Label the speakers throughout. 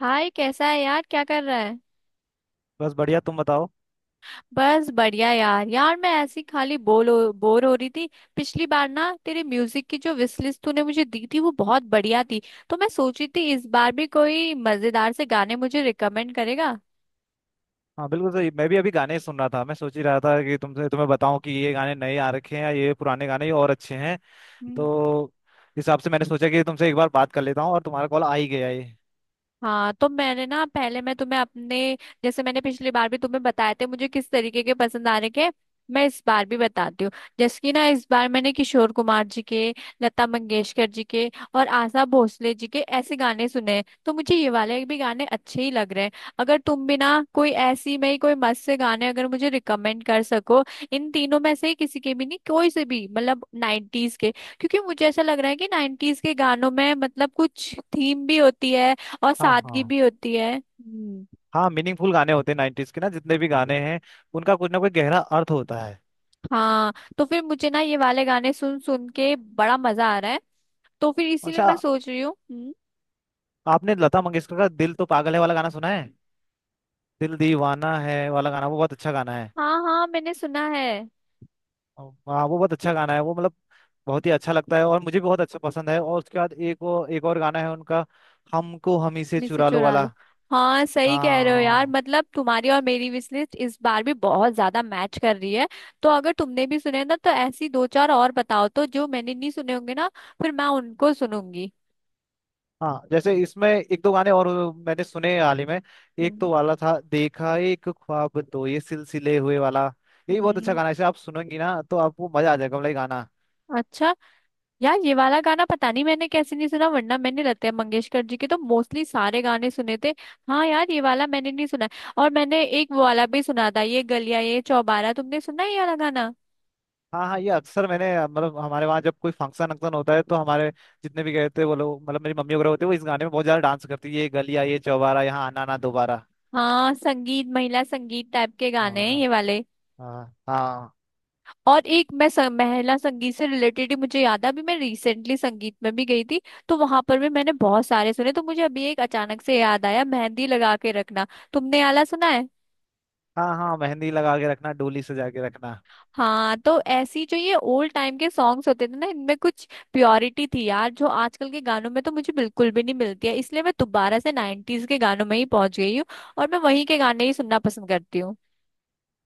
Speaker 1: हाय, कैसा है यार? क्या कर रहा है?
Speaker 2: बस बढ़िया, तुम बताओ।
Speaker 1: बस बढ़िया यार यार मैं ऐसी खाली बोर हो रही थी। पिछली बार ना तेरे म्यूजिक की जो विश लिस्ट तूने मुझे दी थी वो बहुत बढ़िया थी। तो मैं सोची थी इस बार भी कोई मजेदार से गाने मुझे रिकमेंड करेगा।
Speaker 2: हाँ, बिल्कुल सही। मैं भी अभी गाने ही सुन रहा था। मैं सोच ही रहा था कि तुमसे तुम्हें बताऊं कि ये गाने नए आ रखे हैं या ये पुराने गाने और अच्छे हैं। तो इस हिसाब से मैंने सोचा कि तुमसे एक बार बात कर लेता हूँ, और तुम्हारा कॉल आ ही गया ये।
Speaker 1: हाँ, तो मैंने ना पहले मैं तुम्हें अपने, जैसे मैंने पिछली बार भी तुम्हें बताए थे मुझे किस तरीके के पसंद आ रहे के, मैं इस बार भी बताती हूँ। जैसे कि ना इस बार मैंने किशोर कुमार जी के, लता मंगेशकर जी के, और आशा भोसले जी के ऐसे गाने सुने हैं, तो मुझे ये वाले भी गाने अच्छे ही लग रहे हैं। अगर तुम भी ना कोई ऐसी में ही कोई मस्त से गाने अगर मुझे रिकमेंड कर सको, इन तीनों में से किसी के भी, नहीं कोई से भी मतलब नाइन्टीज के। क्योंकि मुझे ऐसा लग रहा है कि नाइन्टीज के गानों में मतलब कुछ थीम भी होती है और
Speaker 2: हाँ,
Speaker 1: सादगी
Speaker 2: हाँ।
Speaker 1: भी होती है। हम्म।
Speaker 2: हाँ, मीनिंगफुल गाने होते हैं नाइन्टीज के, ना जितने भी गाने हैं उनका कुछ ना कुछ गहरा अर्थ होता है।
Speaker 1: हाँ, तो फिर मुझे ना ये वाले गाने सुन सुन के बड़ा मजा आ रहा है। तो फिर इसीलिए
Speaker 2: अच्छा,
Speaker 1: मैं सोच रही हूँ। हम्म।
Speaker 2: आपने लता मंगेशकर का दिल तो पागल है वाला गाना सुना है? दिल दीवाना है वाला गाना, वो बहुत अच्छा गाना है।
Speaker 1: हाँ हाँ, मैंने सुना है।
Speaker 2: हाँ, वो बहुत अच्छा गाना है। वो मतलब बहुत ही अच्छा लगता है, और मुझे भी बहुत अच्छा पसंद है। और उसके बाद एक और गाना है उनका, हमको हम ही से
Speaker 1: मिसे
Speaker 2: चुरा लो
Speaker 1: चुरा
Speaker 2: वाला।
Speaker 1: लो। हाँ सही कह रहे हो यार,
Speaker 2: हाँ।
Speaker 1: मतलब तुम्हारी और मेरी विश लिस्ट इस बार भी बहुत ज्यादा मैच कर रही है। तो अगर तुमने भी सुने ना तो ऐसी दो चार और बताओ तो, जो मैंने नहीं सुने होंगे ना, फिर मैं उनको सुनूंगी।
Speaker 2: हाँ, जैसे इसमें एक दो गाने और मैंने सुने हाल ही में। एक
Speaker 1: हम्म।
Speaker 2: तो वाला था देखा एक ख्वाब तो ये सिलसिले हुए वाला। ये भी बहुत अच्छा
Speaker 1: हम्म।
Speaker 2: गाना है। इसे आप सुनेंगी ना तो आपको मजा आ जाएगा, मतलब ये गाना।
Speaker 1: अच्छा। यार ये वाला गाना पता नहीं मैंने कैसे नहीं सुना, वरना मैंने लता मंगेशकर जी के तो मोस्टली सारे गाने सुने थे। हाँ यार, ये वाला मैंने नहीं सुना। और मैंने एक वो वाला भी सुना था, ये गलियां ये चौबारा। तुमने सुना है ये वाला गाना?
Speaker 2: हाँ, हाँ, ये अक्सर मैंने मतलब हमारे वहाँ जब कोई फंक्शन वंक्शन होता है तो हमारे जितने भी गए थे वो लोग, मतलब मेरी मम्मी वगैरह होते हैं, वो इस गाने में बहुत ज्यादा डांस करती है, ये गलियां ये चौबारा यहाँ आना ना दोबारा।
Speaker 1: हाँ, संगीत महिला संगीत टाइप के गाने हैं
Speaker 2: हाँ।
Speaker 1: ये वाले।
Speaker 2: हाँ, हाँ।
Speaker 1: और एक मैं महिला संगीत से रिलेटेड ही मुझे याद है, अभी मैं रिसेंटली संगीत में भी गई थी। तो वहां पर भी मैंने बहुत सारे सुने, तो मुझे अभी एक अचानक से याद आया, मेहंदी लगा के रखना। तुमने ये वाला सुना है?
Speaker 2: हाँ, हाँ, मेहंदी लगा के रखना डोली सजा के रखना।
Speaker 1: हाँ, तो ऐसी जो ये ओल्ड टाइम के सॉन्ग्स होते थे ना, इनमें कुछ प्योरिटी थी यार, जो आजकल के गानों में तो मुझे बिल्कुल भी नहीं मिलती है, इसलिए मैं दोबारा से नाइन्टीज के गानों में ही पहुंच गई हूँ। और मैं वहीं के गाने ही सुनना पसंद करती हूँ।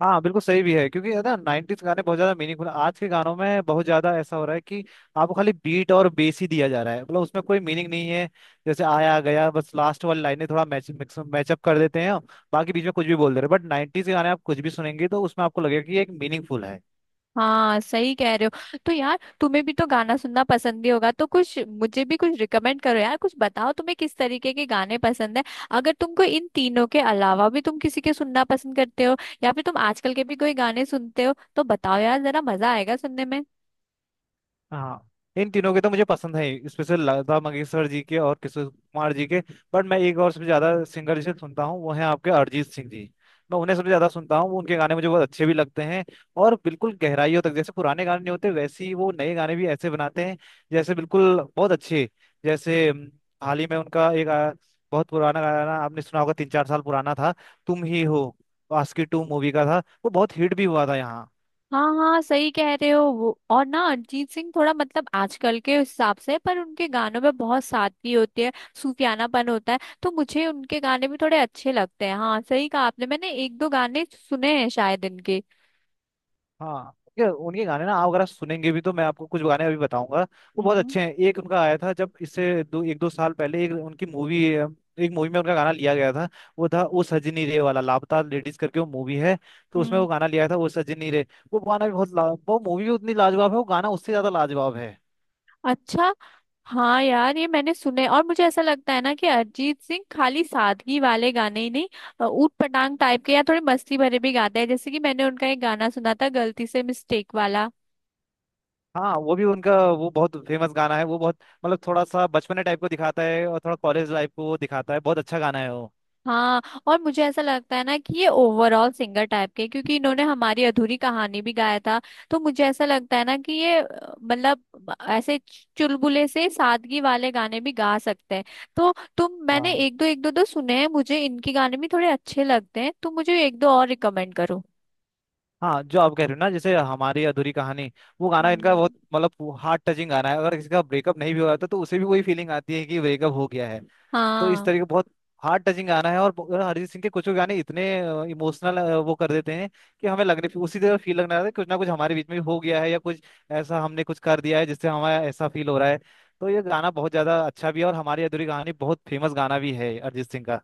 Speaker 2: हाँ, बिल्कुल सही भी है, क्योंकि है ना नाइनटीज गाने बहुत ज्यादा मीनिंगफुल। आज के गानों में बहुत ज्यादा ऐसा हो रहा है कि आपको खाली बीट और बेस ही दिया जा रहा है, मतलब उसमें कोई मीनिंग नहीं है। जैसे आया गया बस लास्ट वाली लाइनें थोड़ा मैचअप कर देते हैं, बाकी बीच में कुछ भी बोल दे रहे हैं। बट नाइनटीज के गाने आप कुछ भी सुनेंगे तो उसमें आपको लगेगा कि ये एक मीनिंगफुल है।
Speaker 1: हाँ सही कह रहे हो। तो यार तुम्हें भी तो गाना सुनना पसंद ही होगा, तो कुछ मुझे भी कुछ रिकमेंड करो यार, कुछ बताओ तुम्हें किस तरीके के गाने पसंद है। अगर तुमको इन तीनों के अलावा भी तुम किसी के सुनना पसंद करते हो, या फिर तुम आजकल के भी कोई गाने सुनते हो तो बताओ यार, जरा मजा आएगा सुनने में।
Speaker 2: हाँ, इन तीनों के तो मुझे पसंद है, स्पेशल लता मंगेशकर जी के और किशोर कुमार जी के। बट मैं एक और सबसे ज्यादा सिंगर जिसे सुनता हूँ वो है आपके अरिजीत सिंह जी। मैं उन्हें सबसे ज्यादा सुनता हूँ, उनके गाने मुझे बहुत अच्छे भी लगते हैं। और बिल्कुल गहराइयों तक, जैसे पुराने गाने नहीं होते वैसे ही वो नए गाने भी ऐसे बनाते हैं, जैसे बिल्कुल बहुत अच्छे। जैसे हाल ही में उनका एक बहुत पुराना गाना आपने सुना होगा, 3-4 साल पुराना था, तुम ही हो, आस्की टू मूवी का था। वो बहुत हिट भी हुआ था यहाँ।
Speaker 1: हाँ हाँ सही कह रहे हो। वो और ना अरिजीत सिंह थोड़ा मतलब आजकल के हिसाब से, पर उनके गानों में बहुत सादगी होती है, सूफियानापन होता है, तो मुझे उनके गाने भी थोड़े अच्छे लगते हैं। हाँ सही कहा आपने, मैंने एक दो गाने सुने हैं शायद इनके।
Speaker 2: हाँ, ये उनके गाने ना, आप अगर आप सुनेंगे भी तो मैं आपको कुछ गाने अभी बताऊंगा। वो बहुत
Speaker 1: हम्म।
Speaker 2: अच्छे हैं। एक उनका आया था जब इससे दो एक दो साल पहले, एक मूवी में उनका गाना लिया गया था, वो था वो सजनी रे वाला, लापता लेडीज करके वो मूवी है। तो उसमें
Speaker 1: हम्म।
Speaker 2: वो गाना लिया था, वो सजनी रे। वो गाना भी बहुत वो मूवी भी उतनी लाजवाब है, वो गाना उससे ज्यादा लाजवाब है।
Speaker 1: अच्छा। हाँ यार, ये मैंने सुने। और मुझे ऐसा लगता है ना कि अरिजीत सिंह खाली सादगी वाले गाने ही नहीं, ऊट पटांग टाइप के या थोड़े मस्ती भरे भी गाते हैं, जैसे कि मैंने उनका एक गाना सुना था गलती से मिस्टेक वाला।
Speaker 2: हाँ, वो भी उनका वो बहुत फेमस गाना है। वो बहुत मतलब थोड़ा सा बचपने टाइप को दिखाता है और थोड़ा कॉलेज लाइफ को वो दिखाता है, बहुत अच्छा गाना है वो।
Speaker 1: हाँ। और मुझे ऐसा लगता है ना कि ये ओवरऑल सिंगर टाइप के, क्योंकि इन्होंने हमारी अधूरी कहानी भी गाया था। तो मुझे ऐसा लगता है ना कि ये मतलब ऐसे चुलबुले से सादगी वाले गाने भी गा सकते हैं। तो तुम, मैंने
Speaker 2: हाँ,
Speaker 1: एक दो, एक दो दो सुने हैं, मुझे इनके गाने भी थोड़े अच्छे लगते हैं, तुम मुझे एक दो और रिकमेंड करो।
Speaker 2: हाँ, जो आप कह रहे हो ना, जैसे हमारी अधूरी कहानी, वो गाना इनका बहुत
Speaker 1: हम्म।
Speaker 2: मतलब हार्ट टचिंग गाना है। अगर किसी का ब्रेकअप नहीं भी हुआ था तो उसे भी वही फीलिंग आती है कि ब्रेकअप हो गया है। तो इस
Speaker 1: हाँ
Speaker 2: तरीके बहुत हार्ट टचिंग गाना है। और अरिजीत सिंह के कुछ गाने इतने इमोशनल वो कर देते हैं कि हमें लगने उसी तरह फील लगने लगता है कुछ ना कुछ हमारे बीच में हो गया है, या कुछ ऐसा हमने कुछ कर दिया है जिससे हमारा ऐसा फील हो रहा है। तो ये गाना बहुत ज्यादा अच्छा भी है, और हमारी अधूरी कहानी बहुत फेमस गाना भी है अरिजीत सिंह का।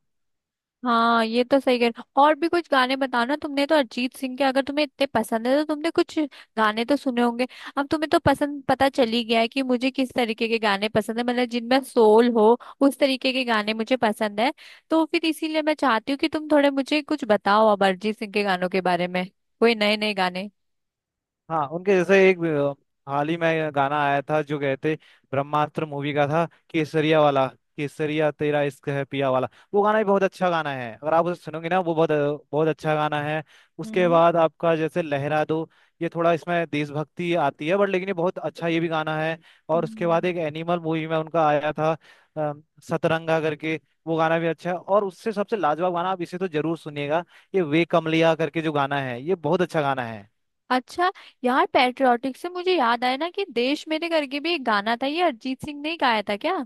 Speaker 1: हाँ, ये तो सही कह रहे हो। और भी कुछ गाने बताना, तुमने तो अरिजीत सिंह के अगर तुम्हें इतने पसंद है तो तुमने कुछ गाने तो सुने होंगे। अब तुम्हें तो पसंद पता चल ही गया है कि मुझे किस तरीके के गाने पसंद है, मतलब जिनमें सोल हो उस तरीके के गाने मुझे पसंद है। तो फिर इसीलिए मैं चाहती हूँ कि तुम थोड़े मुझे कुछ बताओ अब अरिजीत सिंह के गानों के बारे में, कोई नए नए गाने।
Speaker 2: हाँ, उनके जैसे एक हाल ही में गाना आया था, जो गए थे ब्रह्मास्त्र मूवी का था, केसरिया वाला, केसरिया तेरा इश्क है पिया वाला। वो गाना भी बहुत अच्छा गाना है, अगर आप उसे सुनोगे ना वो बहुत बहुत अच्छा गाना है। उसके
Speaker 1: हम्म।
Speaker 2: बाद आपका जैसे लहरा दो, ये थोड़ा इसमें देशभक्ति आती है बट लेकिन ये बहुत अच्छा ये भी गाना है। और उसके बाद
Speaker 1: हम्म।
Speaker 2: एक एनिमल मूवी में उनका आया था, अ, सतरंगा करके। वो गाना भी अच्छा है। और उससे सबसे लाजवाब गाना, आप इसे तो जरूर सुनिएगा, ये वे कमलिया करके जो गाना है, ये बहुत अच्छा गाना है।
Speaker 1: अच्छा। यार पैट्रियोटिक से मुझे याद आया ना कि देश मेरे करके भी एक गाना था, ये अरिजीत सिंह ने ही गाया था क्या?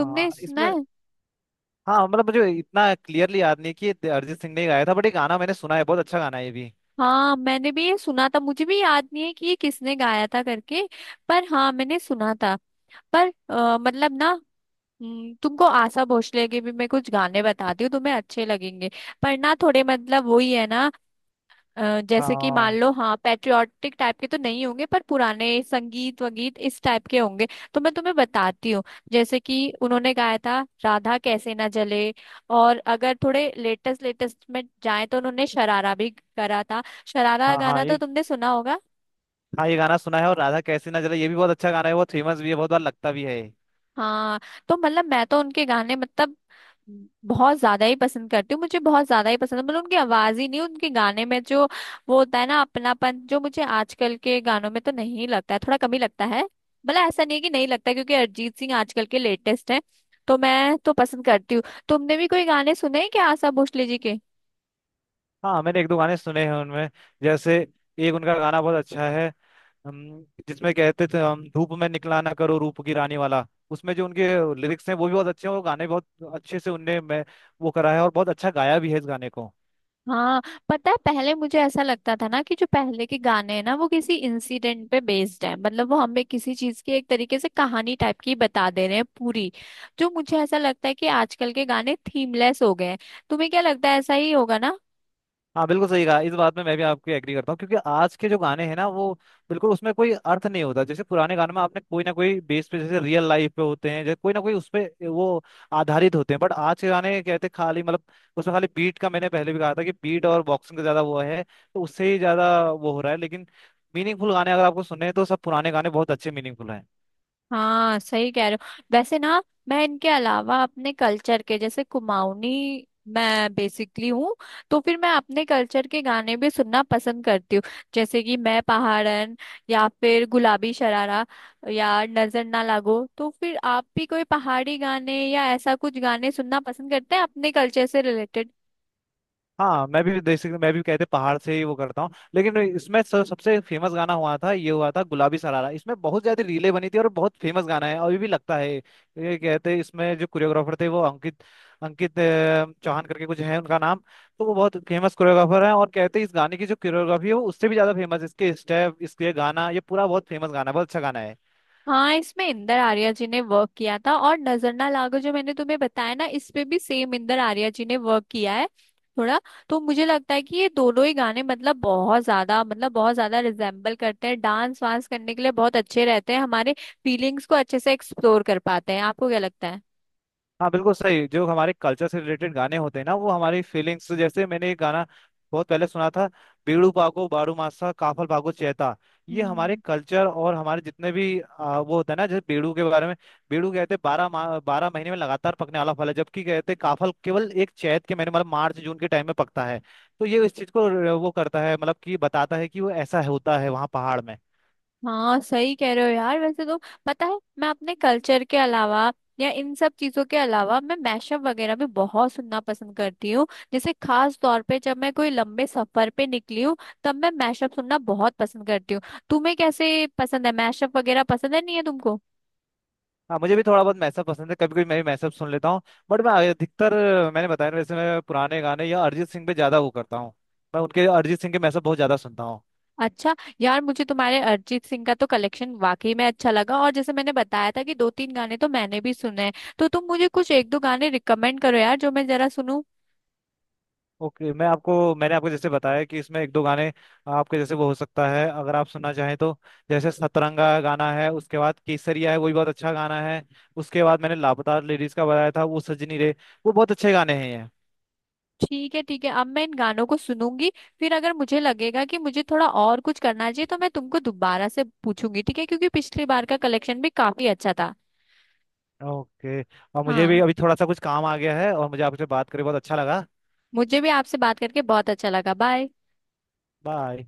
Speaker 2: हाँ,
Speaker 1: सुना
Speaker 2: इसमें
Speaker 1: है?
Speaker 2: हाँ मतलब मुझे इतना क्लियरली याद नहीं कि ये अरिजीत सिंह ने ही गाया था, बट ये गाना मैंने सुना है, बहुत अच्छा गाना है ये भी।
Speaker 1: हाँ मैंने भी ये सुना था, मुझे भी याद नहीं है कि ये किसने गाया था करके, पर हाँ मैंने सुना था। पर मतलब ना, तुमको आशा भोसले के भी मैं कुछ गाने बताती हूँ, तुम्हें अच्छे लगेंगे। पर ना थोड़े मतलब वही है ना, जैसे कि मान
Speaker 2: हाँ,
Speaker 1: लो, हाँ पैट्रियोटिक टाइप के तो नहीं होंगे, पर पुराने संगीत वगीत इस टाइप के होंगे। तो मैं तुम्हें बताती हूँ, जैसे कि उन्होंने गाया था राधा कैसे ना जले, और अगर थोड़े लेटेस्ट लेटेस्ट में जाए तो उन्होंने शरारा भी करा था। शरारा
Speaker 2: हाँ। हाँ,
Speaker 1: गाना तो
Speaker 2: ये।
Speaker 1: तुमने सुना होगा।
Speaker 2: हाँ, ये गाना सुना है, और राधा कैसी ना जले ये भी बहुत अच्छा गाना है, बहुत फेमस भी है, बहुत बार लगता भी है।
Speaker 1: हाँ, तो मतलब मैं तो उनके गाने मतलब बहुत ज्यादा ही पसंद करती हूँ, मुझे बहुत ज्यादा ही पसंद है। मतलब उनकी आवाज ही नहीं, उनके गाने में जो वो होता है ना अपनापन, जो मुझे आजकल के गानों में तो नहीं लगता है, थोड़ा कम ही लगता है। भला ऐसा नहीं है कि नहीं लगता है, क्योंकि अरिजीत सिंह आजकल के लेटेस्ट है, तो मैं तो पसंद करती हूँ। तुमने भी कोई गाने सुने हैं क्या आशा भोसले जी के?
Speaker 2: हाँ, मैंने एक दो गाने सुने हैं उनमें, जैसे एक उनका गाना बहुत अच्छा है, जिसमें कहते थे हम धूप में निकला ना करो रूप की रानी वाला। उसमें जो उनके लिरिक्स हैं वो भी बहुत अच्छे हैं, और गाने बहुत अच्छे से उनने मैं वो करा है, और बहुत अच्छा गाया भी है इस गाने को।
Speaker 1: हाँ। पता है, पहले मुझे ऐसा लगता था ना कि जो पहले के गाने हैं ना वो किसी इंसिडेंट पे बेस्ड है, मतलब वो हमें किसी चीज की एक तरीके से कहानी टाइप की बता दे रहे हैं पूरी। जो मुझे ऐसा लगता है कि आजकल के गाने थीमलेस हो गए हैं। तुम्हें क्या लगता है, ऐसा ही होगा ना?
Speaker 2: हाँ, बिल्कुल सही कहा। इस बात में मैं भी आपके एग्री करता हूँ, क्योंकि आज के जो गाने हैं ना, वो बिल्कुल उसमें कोई अर्थ नहीं होता। जैसे पुराने गाने में आपने कोई ना कोई बेस पे, जैसे रियल लाइफ पे होते हैं, जैसे कोई ना कोई उस पे वो आधारित होते हैं। बट आज के गाने कहते हैं खाली मतलब उसमें खाली बीट का, मैंने पहले भी कहा था कि बीट और बॉक्सिंग का ज्यादा वो है, तो उससे ही ज्यादा वो हो रहा है। लेकिन मीनिंगफुल गाने अगर आपको सुने तो सब पुराने गाने बहुत अच्छे मीनिंगफुल हैं।
Speaker 1: हाँ सही कह रहे हो। वैसे ना, मैं इनके अलावा अपने कल्चर के, जैसे कुमाऊनी मैं बेसिकली हूँ, तो फिर मैं अपने कल्चर के गाने भी सुनना पसंद करती हूँ। जैसे कि मैं पहाड़न, या फिर गुलाबी शरारा, या नजर ना लागो। तो फिर आप भी कोई पहाड़ी गाने या ऐसा कुछ गाने सुनना पसंद करते हैं अपने कल्चर से रिलेटेड?
Speaker 2: हाँ, मैं भी बेसिकली, मैं भी कहते पहाड़ से ही वो करता हूँ, लेकिन इसमें सबसे फेमस गाना हुआ था, ये हुआ था गुलाबी सरारा। इसमें बहुत ज्यादा रीले बनी थी, और बहुत फेमस गाना है, अभी भी लगता है ये। कहते इसमें जो कोरियोग्राफर थे वो अंकित, चौहान करके कुछ है उनका नाम। तो वो बहुत फेमस कोरियोग्राफर हैं, और कहते हैं इस गाने की जो कोरियोग्राफी है वो उससे भी ज्यादा फेमस, इसके स्टेप, इसके गाना ये पूरा बहुत फेमस गाना है, बहुत अच्छा गाना है।
Speaker 1: हाँ, इसमें इंदर आर्या जी ने वर्क किया था, और नजर ना लागो जो मैंने तुम्हें बताया ना, इस पे भी सेम इंदर आर्या जी ने वर्क किया है थोड़ा। तो मुझे लगता है कि ये दोनों ही गाने मतलब बहुत ज्यादा, मतलब बहुत ज्यादा रिजेम्बल करते हैं, डांस वांस करने के लिए बहुत अच्छे रहते हैं, हमारे फीलिंग्स को अच्छे से एक्सप्लोर कर पाते हैं। आपको क्या लगता
Speaker 2: हाँ, बिल्कुल सही। जो हमारे कल्चर से रिलेटेड गाने होते हैं ना, वो हमारी फीलिंग्स, जैसे मैंने एक गाना बहुत पहले सुना था, बीड़ू पागो बाड़ू मासा काफल भागो चेता।
Speaker 1: है?
Speaker 2: ये हमारे कल्चर और हमारे जितने भी वो होता है ना, जैसे बीड़ू के बारे में, बीड़ू कहते हैं 12 महीने में लगातार पकने वाला फल है, जबकि कहते हैं काफल केवल एक चैत के महीने, मतलब मार्च जून के टाइम में पकता है। तो ये इस चीज को वो करता है, मतलब कि बताता है कि वो ऐसा होता है वहाँ पहाड़ में।
Speaker 1: हाँ सही कह रहे हो यार। वैसे तो, पता है, मैं अपने कल्चर के अलावा या इन सब चीजों के अलावा मैं मैशअप वगैरह भी बहुत सुनना पसंद करती हूँ। जैसे खास तौर पे जब मैं कोई लंबे सफर पे निकली हूँ, तब मैं मैशअप सुनना बहुत पसंद करती हूँ। तुम्हें कैसे पसंद है? मैशअप वगैरह पसंद है, नहीं है तुमको?
Speaker 2: हाँ, मुझे भी थोड़ा बहुत मैसअप पसंद है, कभी कभी मैं भी मैसअप सुन लेता हूँ। बट मैं अधिकतर, मैंने बताया ना, वैसे मैं पुराने गाने या अरिजीत सिंह पे ज्यादा वो करता हूँ। मैं उनके अरिजीत सिंह के मैसअप बहुत ज्यादा सुनता हूँ।
Speaker 1: अच्छा। यार मुझे तुम्हारे अरिजीत सिंह का तो कलेक्शन वाकई में अच्छा लगा, और जैसे मैंने बताया था कि दो तीन गाने तो मैंने भी सुने हैं, तो तुम मुझे कुछ एक दो गाने रिकमेंड करो यार, जो मैं जरा सुनूं।
Speaker 2: ओके, मैंने आपको जैसे बताया कि इसमें एक दो गाने आपके जैसे वो हो सकता है अगर आप सुनना चाहें तो, जैसे सतरंगा गाना है, उसके बाद केसरिया है वो भी बहुत अच्छा गाना है, उसके बाद मैंने लापता लेडीज का बताया था, वो सजनी रे। वो बहुत अच्छे गाने हैं ये।
Speaker 1: ठीक है ठीक है, अब मैं इन गानों को सुनूंगी। फिर अगर मुझे लगेगा कि मुझे थोड़ा और कुछ करना चाहिए तो मैं तुमको दोबारा से पूछूंगी, ठीक है? क्योंकि पिछली बार का कलेक्शन भी काफी अच्छा था।
Speaker 2: ओके, और मुझे भी
Speaker 1: हाँ,
Speaker 2: अभी थोड़ा सा कुछ काम आ गया है, और मुझे आपसे बात करके बहुत अच्छा लगा।
Speaker 1: मुझे भी आपसे बात करके बहुत अच्छा लगा। बाय।
Speaker 2: बाय।